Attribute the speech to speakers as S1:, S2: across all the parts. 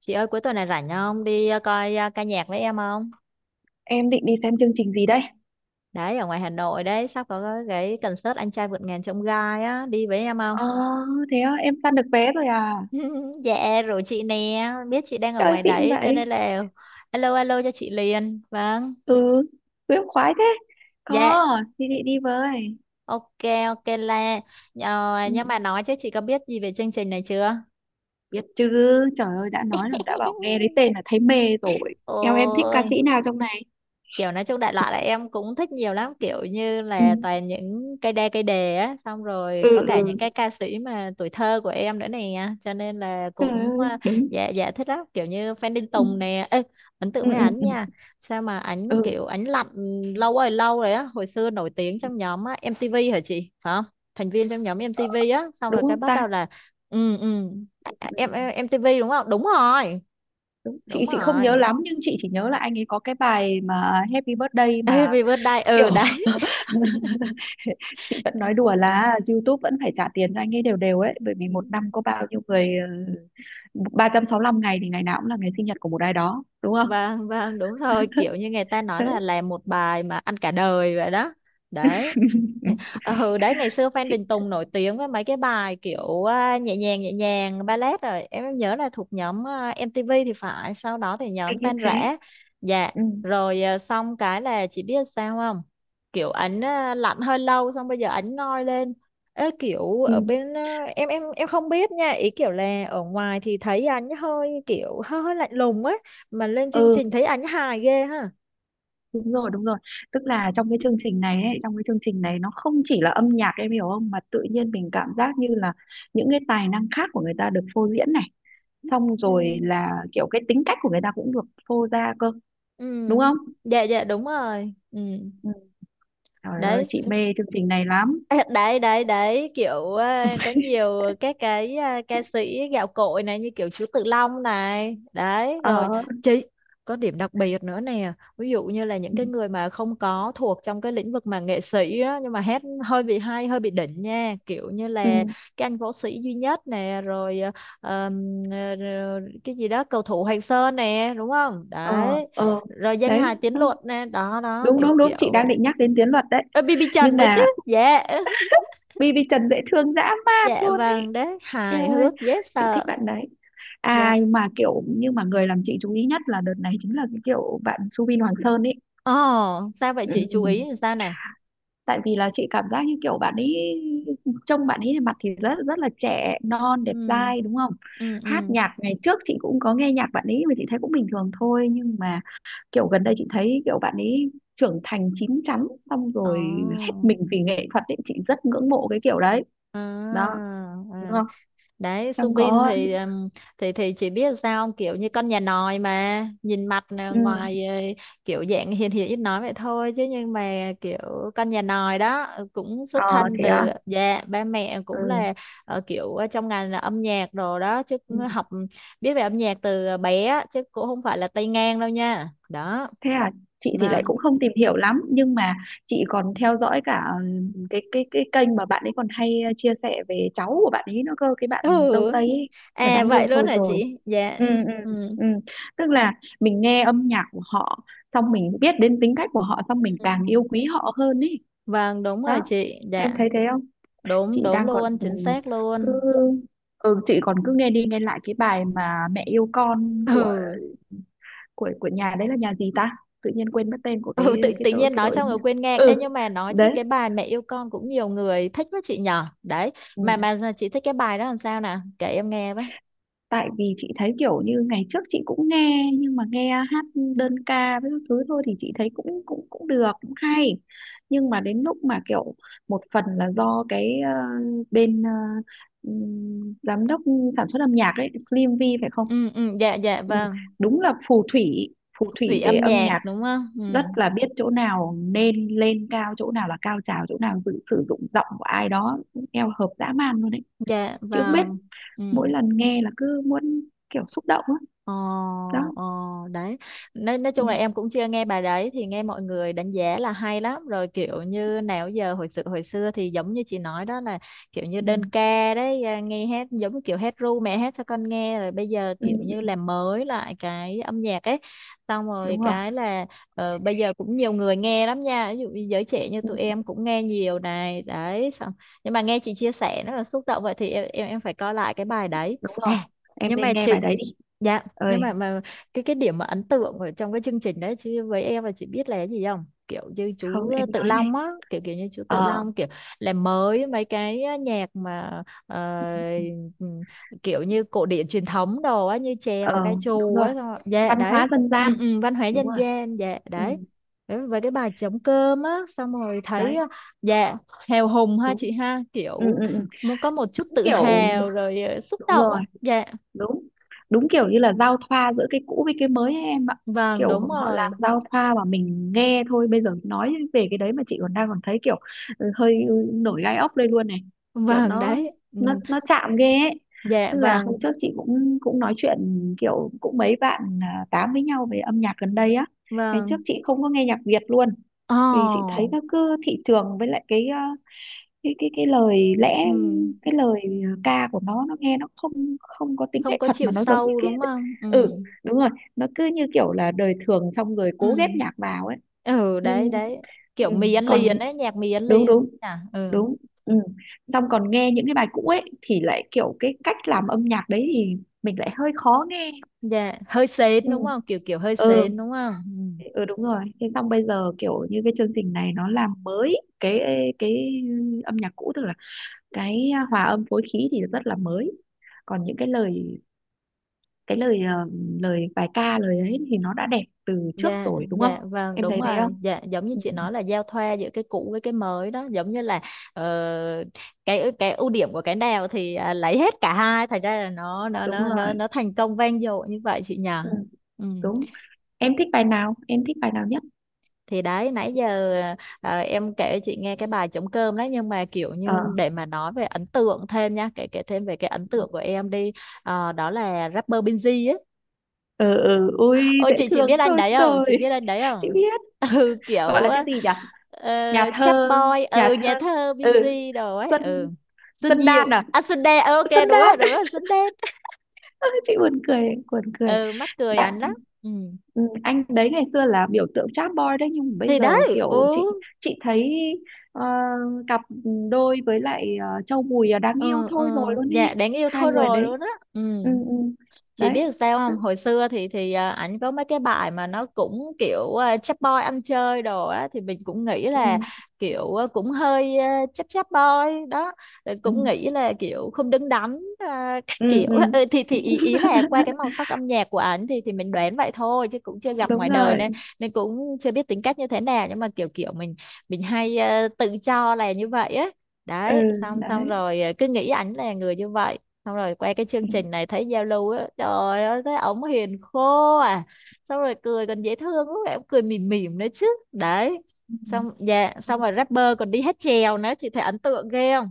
S1: Chị ơi cuối tuần này rảnh không? Đi coi ca nhạc với em không?
S2: Em định đi xem chương trình gì đây?
S1: Đấy ở ngoài Hà Nội đấy, sắp có cái concert Anh trai vượt ngàn chông gai á, đi với em không?
S2: Ờ, thế á, em săn được vé rồi à?
S1: Dạ rồi chị nè, biết chị đang ở
S2: Trời
S1: ngoài
S2: xịn
S1: đấy cho
S2: vậy.
S1: nên là alo alo cho chị liền. Vâng.
S2: Ừ, em khoái thế.
S1: Dạ.
S2: Có, thì chị đi với.
S1: Ok, ok là
S2: Ừ,
S1: nhưng mà nói chứ chị có biết gì về chương trình này chưa?
S2: biết chứ, trời ơi, đã nói là đã bảo nghe đến tên là thấy mê rồi. Em thích ca
S1: Ôi,
S2: sĩ nào trong này?
S1: kiểu nói chung đại loại là em cũng thích nhiều lắm, kiểu như
S2: Ừ,
S1: là toàn những cây đa cây đề á, xong rồi
S2: ừ,
S1: có cả những cái
S2: ừ.
S1: ca sĩ mà tuổi thơ của em nữa nè, cho nên là
S2: Trời
S1: cũng
S2: ơi, đúng.
S1: dạ dạ thích lắm, kiểu như Phan Đình
S2: Ừ,
S1: Tùng nè. Ê, ấn tượng
S2: ừ,
S1: với
S2: ừ,
S1: ảnh
S2: ừ,
S1: nha, sao mà ảnh
S2: ừ,
S1: kiểu ảnh lặn lâu rồi á, hồi xưa nổi tiếng trong nhóm MTV hả chị, phải không, thành viên trong nhóm MTV á, xong
S2: đúng
S1: rồi cái
S2: không
S1: bắt
S2: ta?
S1: đầu là ừ
S2: Ừ,
S1: em MTV đúng không, đúng rồi.
S2: đúng. Chị
S1: Đúng
S2: chị không
S1: rồi.
S2: nhớ lắm nhưng chị chỉ nhớ là anh ấy có cái bài mà Happy Birthday, mà
S1: Happy birthday,
S2: kiểu
S1: ừ đấy.
S2: chị vẫn
S1: Ừ.
S2: nói đùa là YouTube vẫn phải trả tiền cho anh ấy đều đều ấy, bởi vì một năm có bao nhiêu người, ờ, 365 ngày thì ngày nào cũng là ngày sinh nhật của một ai đó, đúng không?
S1: Vâng vâng đúng rồi, kiểu như người ta nói
S2: Đấy.
S1: là làm một bài mà ăn cả đời vậy đó. Đấy.
S2: Ừ.
S1: Ừ đấy, ngày xưa Phan
S2: Chị
S1: Đình Tùng nổi tiếng với mấy cái bài kiểu nhẹ nhàng nhẹ nhàng, ballet, rồi em nhớ là thuộc nhóm MTV thì phải, sau đó thì
S2: thấy
S1: nhóm
S2: như
S1: Tan
S2: thế.
S1: Rã. Dạ,
S2: Ừ.
S1: rồi xong cái là chị biết sao không, kiểu ảnh lạnh hơi lâu, xong bây giờ ảnh ngoi lên. Ê, kiểu
S2: Ừ,
S1: ở bên em không biết nha, ý kiểu là ở ngoài thì thấy ảnh hơi kiểu hơi lạnh lùng ấy, mà lên chương
S2: ừ
S1: trình thấy ảnh hài ghê ha.
S2: đúng rồi, đúng rồi, tức là trong cái chương trình này ấy, trong cái chương trình này nó không chỉ là âm nhạc, em hiểu không, mà tự nhiên mình cảm giác như là những cái tài năng khác của người ta được phô diễn này, xong
S1: Ừ.
S2: rồi là kiểu cái tính cách của người ta cũng được phô ra cơ,
S1: Ừ.
S2: đúng không?
S1: Dạ dạ đúng rồi. Ừ
S2: Ừ. Trời ơi
S1: đấy.
S2: chị mê chương trình này lắm.
S1: À, đấy đấy đấy kiểu có nhiều các cái ca sĩ gạo cội này, như kiểu Chú Tự Long này, đấy
S2: Ờ.
S1: rồi chị, có điểm đặc biệt nữa nè, ví dụ như là những
S2: Ừ,
S1: cái người mà không có thuộc trong cái lĩnh vực mà nghệ sĩ á, nhưng mà hát hơi bị hay, hơi bị đỉnh nha, kiểu như là
S2: ừ.
S1: cái anh võ sĩ duy nhất nè, rồi rồi cái gì đó cầu thủ Hoàng Sơn nè, đúng không,
S2: Ờ.
S1: đấy
S2: Ờ.
S1: rồi danh
S2: Đấy.
S1: hài Tiến Luật nè, đó đó,
S2: Đúng
S1: kiểu
S2: đúng đúng, chị
S1: kiểu vậy.
S2: đang định nhắc đến Tiến Luật đấy.
S1: Ơ, BB Trần
S2: Nhưng
S1: nữa chứ.
S2: mà
S1: Dạ.
S2: BB Trần dễ thương dã man
S1: Dạ
S2: luôn ấy.
S1: vâng, đấy,
S2: Eo
S1: hài
S2: ơi,
S1: hước, dễ
S2: chị thích
S1: sợ.
S2: bạn đấy.
S1: Dạ.
S2: Ai mà kiểu, nhưng mà người làm chị chú ý nhất là đợt này chính là cái kiểu bạn Subin Hoàng Sơn ấy.
S1: Ồ, sao vậy
S2: Ừ.
S1: chị, chú ý làm sao nè?
S2: Tại vì là chị cảm giác như kiểu bạn ấy, trông bạn ấy mặt thì rất rất là trẻ non đẹp
S1: Ừ,
S2: dai, đúng không?
S1: ừ,
S2: Hát
S1: ừ.
S2: nhạc ngày trước chị cũng có nghe nhạc bạn ấy mà chị thấy cũng bình thường thôi, nhưng mà kiểu gần đây chị thấy kiểu bạn ấy trưởng thành chín chắn, xong rồi hết
S1: Ồ,
S2: mình vì nghệ thuật ấy, chị rất ngưỡng mộ cái kiểu đấy.
S1: à,
S2: Đó, đúng
S1: à.
S2: không?
S1: Đấy,
S2: Xong
S1: Subin
S2: có.
S1: thì thì chỉ biết sao không? Kiểu như con nhà nòi, mà nhìn mặt là
S2: Ừ.
S1: ngoài kiểu dạng hiền hiền ít nói vậy thôi chứ, nhưng mà kiểu con nhà nòi đó, cũng xuất
S2: Ờ
S1: thân
S2: thế
S1: từ,
S2: à.
S1: dạ, ba mẹ cũng
S2: Ừ.
S1: là kiểu trong ngành là âm nhạc đồ đó chứ,
S2: Ừ.
S1: cũng học biết về âm nhạc từ bé á, chứ cũng không phải là tay ngang đâu nha. Đó,
S2: Thế à, chị thì lại
S1: vâng.
S2: cũng không tìm hiểu lắm nhưng mà chị còn theo dõi cả ừ, cái kênh mà bạn ấy còn hay ờ, chia sẻ về cháu của bạn ấy nữa cơ, cái bạn dâu
S1: Ừ,
S2: Tây ấy mà
S1: à
S2: đáng yêu
S1: vậy luôn
S2: thôi
S1: hả
S2: rồi.
S1: chị. Dạ.
S2: Ừ ừ
S1: Ừ,
S2: ừ. Tức là mình nghe âm nhạc của họ, xong mình biết đến tính cách của họ, xong mình
S1: ừ,
S2: càng yêu quý họ hơn ý.
S1: vâng đúng rồi
S2: Đó,
S1: chị.
S2: em
S1: Dạ
S2: thấy thế không?
S1: đúng
S2: Chị
S1: đúng
S2: đang còn
S1: luôn,
S2: ừ,
S1: chính xác
S2: cứ
S1: luôn.
S2: ừ, chị còn cứ nghe đi nghe lại cái bài mà mẹ yêu con của
S1: Ừ,
S2: của nhà đấy, là nhà gì ta, tự nhiên quên mất tên của
S1: ừ, tự
S2: cái
S1: tự
S2: đội,
S1: nhiên
S2: cái
S1: nói
S2: đội
S1: xong
S2: nhỉ?
S1: rồi quên ngang. Ê,
S2: Ừ
S1: nhưng mà nói chứ
S2: đấy.
S1: cái bài mẹ yêu con cũng nhiều người thích với chị nhỏ đấy,
S2: Ừ.
S1: mà chị thích cái bài đó làm sao nè, kể em nghe với.
S2: Tại vì chị thấy kiểu như ngày trước chị cũng nghe nhưng mà nghe hát đơn ca với các thứ thôi thì chị thấy cũng cũng cũng được, cũng hay, nhưng mà đến lúc mà kiểu một phần là do cái ờ, bên ờ, giám đốc sản xuất âm nhạc ấy Slim V phải không?
S1: Ừ ừ dạ dạ
S2: Ừ.
S1: vâng.
S2: Đúng là phù thủy, phù
S1: Thủy
S2: thủy
S1: âm
S2: về âm
S1: nhạc
S2: nhạc,
S1: đúng không. Ừ
S2: rất là biết chỗ nào nên lên cao, chỗ nào là cao trào, chỗ nào dự, sử dụng giọng của ai đó eo hợp dã man luôn đấy.
S1: dạ
S2: Chị không biết,
S1: vâng. Ừ.
S2: mỗi lần nghe là cứ muốn kiểu xúc động á.
S1: Ờ,
S2: Đó.
S1: ờ, đấy, nói
S2: Ừ,
S1: chung là em cũng chưa nghe bài đấy, thì nghe mọi người đánh giá là hay lắm rồi, kiểu như nào giờ hồi sự hồi xưa thì giống như chị nói đó là kiểu như
S2: ừ,
S1: đơn ca đấy, nghe hát giống kiểu hát ru mẹ hát cho con nghe, rồi bây giờ
S2: ừ,
S1: kiểu như
S2: ừ,
S1: làm mới lại cái âm nhạc ấy, xong rồi
S2: đúng rồi.
S1: cái là bây giờ cũng nhiều người nghe lắm nha, ví dụ như giới trẻ như
S2: Ừ,
S1: tụi em cũng nghe nhiều này, đấy xong, nhưng mà nghe chị chia sẻ nó là xúc động vậy thì em phải coi lại cái bài đấy.
S2: đúng rồi,
S1: À,
S2: em
S1: nhưng
S2: nên
S1: mà
S2: nghe bài
S1: chị,
S2: đấy đi.
S1: dạ, nhưng
S2: Ơi,
S1: mà cái điểm mà ấn tượng ở trong cái chương trình đấy chứ với em là chị biết là cái gì không? Kiểu như chú
S2: không em
S1: Tự
S2: nói ngay.
S1: Long á, kiểu kiểu như chú Tự
S2: Ờ.
S1: Long kiểu làm mới mấy cái nhạc mà ừm, kiểu như cổ điển truyền thống đồ á, như chèo
S2: Ờ,
S1: ca
S2: đúng
S1: trù
S2: rồi,
S1: á, xong rồi, dạ
S2: văn
S1: đấy.
S2: hóa dân
S1: Ừ,
S2: gian.
S1: ừ, văn hóa
S2: Đúng
S1: dân
S2: rồi.
S1: gian, dạ
S2: Ừ,
S1: đấy. Đấy, với cái bài trống cơm á, xong rồi thấy
S2: đấy.
S1: dạ hào hùng ha
S2: Đúng.
S1: chị ha,
S2: Ừ,
S1: kiểu
S2: ừ, ừ.
S1: muốn có một chút
S2: Đúng
S1: tự
S2: kiểu,
S1: hào rồi xúc
S2: đúng
S1: động á.
S2: rồi,
S1: Dạ.
S2: đúng, đúng kiểu như là giao thoa giữa cái cũ với cái mới ấy em ạ.
S1: Vâng,
S2: Kiểu
S1: đúng
S2: họ làm
S1: rồi.
S2: giao thoa mà mình nghe thôi, bây giờ nói về cái đấy mà chị còn đang còn thấy kiểu ừ, hơi nổi gai ốc đây luôn này. Kiểu
S1: Vâng
S2: nó
S1: đấy. Ừ.
S2: nó chạm ghê ấy.
S1: Dạ
S2: Tức là hôm
S1: vâng,
S2: trước chị cũng cũng nói chuyện, kiểu cũng mấy bạn à, tám với nhau về âm nhạc gần đây á. Ngày trước
S1: vâng.
S2: chị không có nghe nhạc Việt luôn, vì chị
S1: Ồ.
S2: thấy nó cứ thị trường, với lại cái à, cái lời lẽ,
S1: Ừ.
S2: cái lời à, ca của nó nghe nó không, không có tính
S1: Không
S2: nghệ
S1: có
S2: thuật
S1: chiều
S2: mà nó giống như
S1: sâu
S2: cái
S1: đúng không? Ừ.
S2: ừ đúng rồi, nó cứ như kiểu là đời thường xong rồi cố
S1: Ừ.
S2: ghép nhạc vào ấy.
S1: Ừ đấy
S2: Nhưng
S1: đấy.
S2: ừ,
S1: Kiểu mì ăn
S2: còn
S1: liền ấy, nhạc mì ăn
S2: đúng
S1: liền
S2: đúng
S1: à. Ừ.
S2: đúng. Ừ. Xong còn nghe những cái bài cũ ấy thì lại kiểu cái cách làm âm nhạc đấy thì mình lại hơi khó nghe.
S1: Dạ, hơi sến
S2: Ừ
S1: đúng không? Kiểu kiểu hơi
S2: ừ,
S1: sến đúng không? Ừ.
S2: ừ đúng rồi, thế xong bây giờ kiểu như cái chương trình này nó làm mới cái cái âm nhạc cũ, tức là cái à, hòa âm phối khí thì rất là mới, còn những cái lời, cái lời à, lời bài ca lời ấy thì nó đã đẹp từ trước
S1: Dạ,
S2: rồi, đúng không?
S1: dạ vâng
S2: Em
S1: đúng
S2: thấy thế không?
S1: rồi. Dạ giống như
S2: Ừ,
S1: chị nói là giao thoa giữa cái cũ với cái mới đó, giống như là ờ, cái ưu điểm của cái nào thì lấy hết cả hai, thành ra là nó nó
S2: đúng
S1: nó nó
S2: rồi.
S1: nó thành công vang dội như vậy, chị nhỉ?
S2: Ừ,
S1: Ừ.
S2: đúng. Em thích bài nào, em thích bài nào nhất?
S1: Thì đấy nãy giờ em kể chị nghe cái bài trống cơm đấy, nhưng mà kiểu
S2: Ờ.
S1: như để mà nói về ấn tượng thêm nha, kể kể thêm về cái ấn tượng của em đi. Ờ, đó là rapper Binz ấy.
S2: Ừ, ừ ui
S1: Ôi,
S2: dễ
S1: chị
S2: thương
S1: biết anh
S2: thôi
S1: đấy không,
S2: rồi
S1: chị biết anh đấy
S2: chị
S1: không?
S2: biết,
S1: Ừ
S2: gọi
S1: kiểu
S2: là cái gì nhỉ,
S1: ờ,
S2: nhà
S1: chap
S2: thơ,
S1: boy, ừ
S2: nhà thơ,
S1: nhà thơ
S2: ừ
S1: Binz đồ ấy.
S2: xuân.
S1: Ừ, Xuân
S2: Xuân Đan
S1: Diệu
S2: à,
S1: à, Xuân Đen, ok
S2: Xuân
S1: đúng
S2: Đan.
S1: rồi đúng rồi, Xuân Đen.
S2: Chị buồn cười, buồn cười
S1: Ừ mắc cười
S2: bạn.
S1: anh lắm. Ừ
S2: Ừ, anh đấy ngày xưa là biểu tượng chap boy đấy. Nhưng mà bây
S1: thì
S2: giờ
S1: đấy.
S2: kiểu
S1: Ừ
S2: chị thấy ờ, cặp đôi với lại ờ, Châu Bùi là đáng yêu
S1: ừ ừ.
S2: thôi rồi luôn
S1: Dạ
S2: đi
S1: đáng yêu
S2: hai
S1: thôi
S2: người
S1: rồi luôn
S2: đấy.
S1: á. Ừ,
S2: Ừ, ừ.
S1: chị
S2: Đấy.
S1: biết sao không, hồi xưa thì ảnh có mấy cái bài mà nó cũng kiểu chap boy ăn chơi đồ á, thì mình cũng nghĩ
S2: Ừ,
S1: là kiểu cũng hơi chap chap boy đó. Rồi
S2: ừ,
S1: cũng nghĩ là kiểu không đứng đắn các
S2: ừ,
S1: kiểu.
S2: ừ.
S1: Ừ, thì ý là qua cái màu sắc âm nhạc của ảnh thì mình đoán vậy thôi chứ cũng chưa gặp ngoài
S2: Đúng
S1: đời,
S2: rồi.
S1: nên nên cũng chưa biết tính cách như thế nào, nhưng mà kiểu kiểu mình hay tự cho là như vậy á.
S2: Ừ
S1: Đấy, xong xong
S2: đấy.
S1: rồi cứ nghĩ ảnh là người như vậy. Xong rồi quay cái chương
S2: Ừ.
S1: trình này thấy Zalo á, trời ơi thấy ổng hiền khô à, xong rồi cười còn dễ thương, lúc nào cũng cười mỉm mỉm nữa chứ. Đấy
S2: Ừ.
S1: xong, dạ, xong rồi rapper còn đi hát chèo nữa, chị thấy ấn tượng ghê không.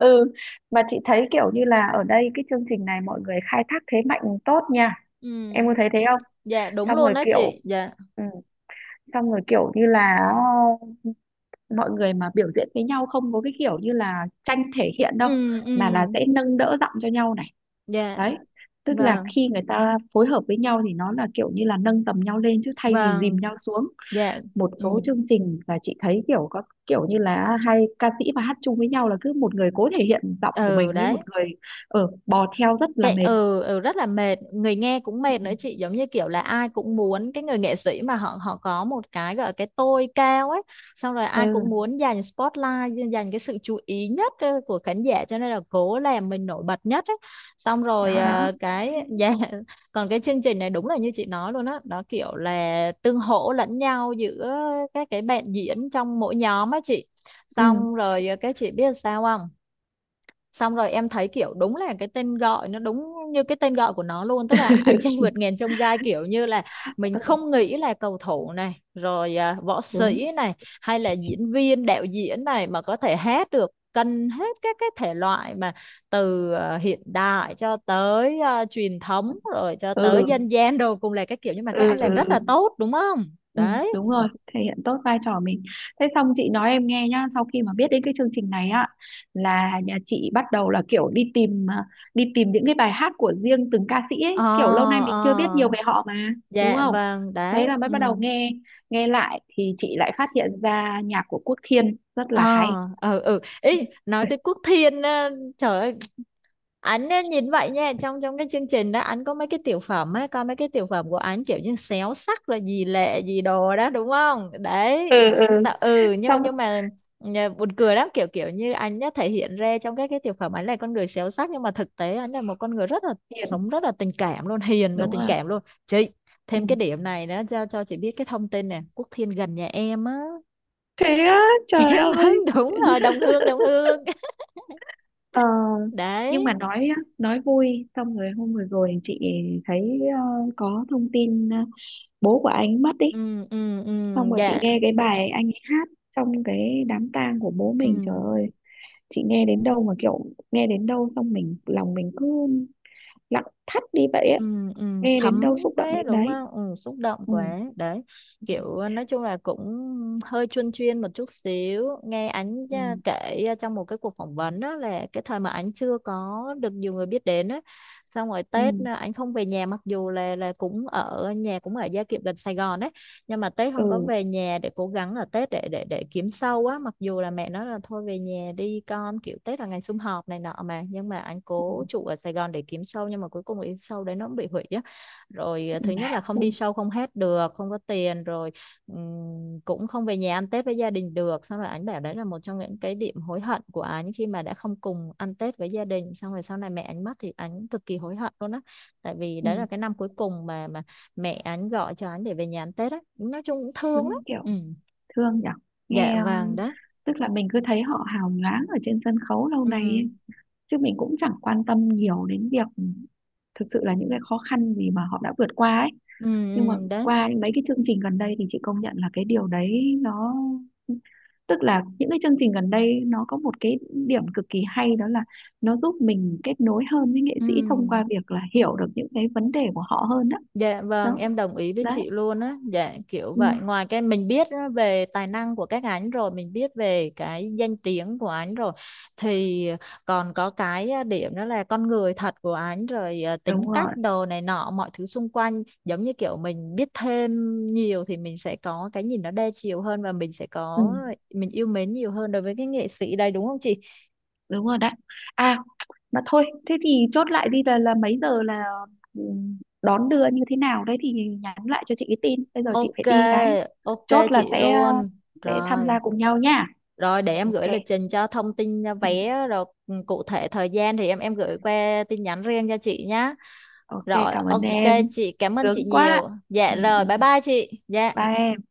S2: Ừ, mà chị thấy kiểu như là ở đây cái chương trình này mọi người khai thác thế mạnh tốt nha.
S1: Ừ.
S2: Em có thấy thế không?
S1: Dạ đúng
S2: Xong
S1: luôn
S2: rồi
S1: đó chị.
S2: kiểu
S1: Dạ.
S2: ừ, xong rồi kiểu như là ờ, mọi người mà biểu diễn với nhau không có cái kiểu như là tranh thể hiện đâu,
S1: Ừ ừ.
S2: mà là sẽ nâng đỡ giọng cho nhau này.
S1: Dạ.
S2: Đấy, tức là
S1: Vâng
S2: khi người ta phối hợp với nhau thì nó là kiểu như là nâng tầm nhau lên chứ thay vì dìm
S1: vâng.
S2: nhau xuống.
S1: Dạ.
S2: Một
S1: Ừ.
S2: số chương trình là chị thấy kiểu có kiểu như là hai ca sĩ mà hát chung với nhau là cứ một người cố thể hiện giọng của mình
S1: Ừ
S2: với
S1: đấy.
S2: một người ở bò theo rất là
S1: Chạy,
S2: mệt.
S1: ừ, ừ rất là mệt, người nghe cũng mệt nữa chị, giống như kiểu là ai cũng muốn cái người nghệ sĩ mà họ họ có một cái gọi là cái tôi cao ấy, xong rồi ai cũng
S2: Ừ.
S1: muốn giành spotlight, giành cái sự chú ý nhất của khán giả, cho nên là cố làm mình nổi bật nhất ấy. Xong rồi
S2: Đó đó.
S1: cái dạ, còn cái chương trình này đúng là như chị nói luôn á, nó kiểu là tương hỗ lẫn nhau giữa các cái bạn diễn trong mỗi nhóm á chị.
S2: Ừ.
S1: Xong rồi các chị biết sao không? Xong rồi em thấy kiểu đúng là cái tên gọi nó đúng như cái tên gọi của nó luôn, tức là anh trai vượt ngàn chông gai, kiểu như là mình không nghĩ là cầu thủ này rồi võ
S2: Đúng.
S1: sĩ này, hay là diễn viên đạo diễn này mà có thể hát được cân hết các cái thể loại, mà từ hiện đại cho tới truyền thống rồi cho tới
S2: Ừ
S1: dân gian đồ, cùng là cái kiểu, nhưng mà
S2: ừ
S1: các anh
S2: ừ.
S1: làm rất là tốt đúng không.
S2: Ừ,
S1: Đấy.
S2: đúng rồi, thể hiện tốt vai trò mình. Thế xong chị nói em nghe nhá, sau khi mà biết đến cái chương trình này á là nhà chị bắt đầu là kiểu đi tìm à, đi tìm những cái bài hát của riêng từng ca sĩ
S1: Ờ,
S2: ấy, kiểu lâu nay mình
S1: ờ,
S2: chưa biết nhiều về họ mà, đúng
S1: dạ
S2: không?
S1: vâng
S2: Thế
S1: đấy.
S2: là mới
S1: Ừ.
S2: bắt đầu nghe, nghe lại thì chị lại phát hiện ra nhạc của Quốc Thiên rất
S1: Ờ,
S2: là hay.
S1: ờ, ừ, ý nói tới Quốc Thiên á, trời ơi, ảnh á, nhìn vậy nha, trong trong cái chương trình đó anh có mấy cái tiểu phẩm á, coi mấy cái tiểu phẩm của anh kiểu như xéo sắc rồi gì lệ gì đồ đó đúng không.
S2: Ừ
S1: Đấy,
S2: ừ.
S1: Ừ nhưng
S2: Xong
S1: buồn cười lắm, kiểu kiểu như anh đã thể hiện ra trong các cái tiểu phẩm ảnh là con người xéo sắc, nhưng mà thực tế anh là một con người rất là
S2: Hiền,
S1: sống, rất là tình cảm luôn, hiền và
S2: đúng
S1: tình
S2: rồi.
S1: cảm luôn chị.
S2: Ừ.
S1: Thêm cái điểm này nữa cho chị biết cái thông tin nè, Quốc Thiên gần nhà em á.
S2: Thế á, trời
S1: Yếm ấm.
S2: ơi.
S1: Đúng rồi, đồng hương đồng hương.
S2: Ờ, nhưng
S1: Đấy.
S2: mà nói á, nói vui. Xong rồi hôm vừa rồi chị thấy ờ, có thông tin ờ, bố của anh mất ý.
S1: Ừ ừ ừ.
S2: Xong rồi chị
S1: Dạ.
S2: nghe cái bài anh ấy hát trong cái đám tang của bố
S1: Ừ
S2: mình, trời ơi, chị nghe đến đâu mà kiểu nghe đến đâu xong mình, lòng mình cứ lặng thắt đi vậy á.
S1: ừ ừ.
S2: Nghe đến
S1: Thấm
S2: đâu xúc động
S1: quá
S2: đến
S1: đúng
S2: đấy.
S1: không, ừ, xúc động
S2: Ừ
S1: quá đấy, kiểu nói chung là cũng hơi chuyên chuyên một chút xíu, nghe ảnh
S2: ừ
S1: kể trong một cái cuộc phỏng vấn đó là cái thời mà ảnh chưa có được nhiều người biết đến á, xong rồi
S2: ừ
S1: Tết ảnh không về nhà, mặc dù là cũng ở nhà cũng ở Gia Kiệm gần Sài Gòn á, nhưng mà Tết không có
S2: ừ
S1: về nhà để cố gắng ở Tết để để kiếm sau á, mặc dù là mẹ nói là thôi về nhà đi con, kiểu Tết là ngày sum họp này nọ mà, nhưng mà anh
S2: ừ ừ,
S1: cố trụ ở Sài Gòn để kiếm show, nhưng mà cuối cùng cái show đấy nó cũng bị hủy á, rồi
S2: ừ,
S1: thứ nhất là không
S2: ừ,
S1: đi show không hết được, không có tiền, rồi cũng không về nhà ăn Tết với gia đình được, xong rồi anh bảo đấy là một trong những cái điểm hối hận của anh, khi mà đã không cùng ăn Tết với gia đình, xong rồi sau này mẹ anh mất thì anh cực kỳ hối hận luôn á, tại vì
S2: ừ,
S1: đấy là cái năm cuối cùng mà mẹ anh gọi cho anh để về nhà ăn Tết á, nói chung cũng thương lắm.
S2: đúng kiểu
S1: Ừ.
S2: thương nhở.
S1: Dạ
S2: Nghe
S1: vàng đó.
S2: tức là mình cứ thấy họ hào nhoáng ở trên sân khấu lâu
S1: Ừ
S2: nay ấy. Chứ mình cũng chẳng quan tâm nhiều đến việc thực sự là những cái khó khăn gì mà họ đã vượt qua ấy.
S1: ừ
S2: Nhưng mà
S1: ừ. Đấy.
S2: qua mấy cái chương trình gần đây thì chị công nhận là cái điều đấy nó, tức là những cái chương trình gần đây nó có một cái điểm cực kỳ hay, đó là nó giúp mình kết nối hơn với nghệ
S1: Ừ.
S2: sĩ thông qua việc là hiểu được những cái vấn đề của họ hơn. Đó
S1: Dạ vâng,
S2: đó,
S1: em đồng ý với
S2: đó.
S1: chị luôn á. Dạ kiểu
S2: Ừ,
S1: vậy, ngoài cái mình biết á về tài năng của các anh rồi, mình biết về cái danh tiếng của anh rồi, thì còn có cái điểm đó là con người thật của anh, rồi tính
S2: đúng
S1: cách
S2: rồi.
S1: đồ này nọ, mọi thứ xung quanh, giống như kiểu mình biết thêm nhiều thì mình sẽ có cái nhìn nó đa chiều hơn, và mình sẽ
S2: Ừ.
S1: có, mình yêu mến nhiều hơn đối với cái nghệ sĩ đây đúng không chị?
S2: Đúng rồi đấy. À, mà thôi thế thì chốt lại đi, là mấy giờ là ừ, đón đưa như thế nào đấy thì nhắn lại cho chị cái tin, bây giờ chị phải
S1: Ok,
S2: đi cái,
S1: ok
S2: chốt là
S1: chị luôn.
S2: sẽ tham
S1: Rồi.
S2: gia cùng nhau nha.
S1: Rồi để em
S2: Ok.
S1: gửi lịch trình, cho thông tin
S2: Ừ.
S1: vé rồi, ừ, cụ thể thời gian thì em gửi qua tin nhắn riêng cho chị nhá.
S2: Ok,
S1: Rồi
S2: cảm ơn
S1: ok,
S2: em.
S1: chị cảm ơn chị
S2: Sướng quá.
S1: nhiều. Dạ
S2: Ừ, ừ.
S1: rồi, bye bye chị. Dạ.
S2: Bye em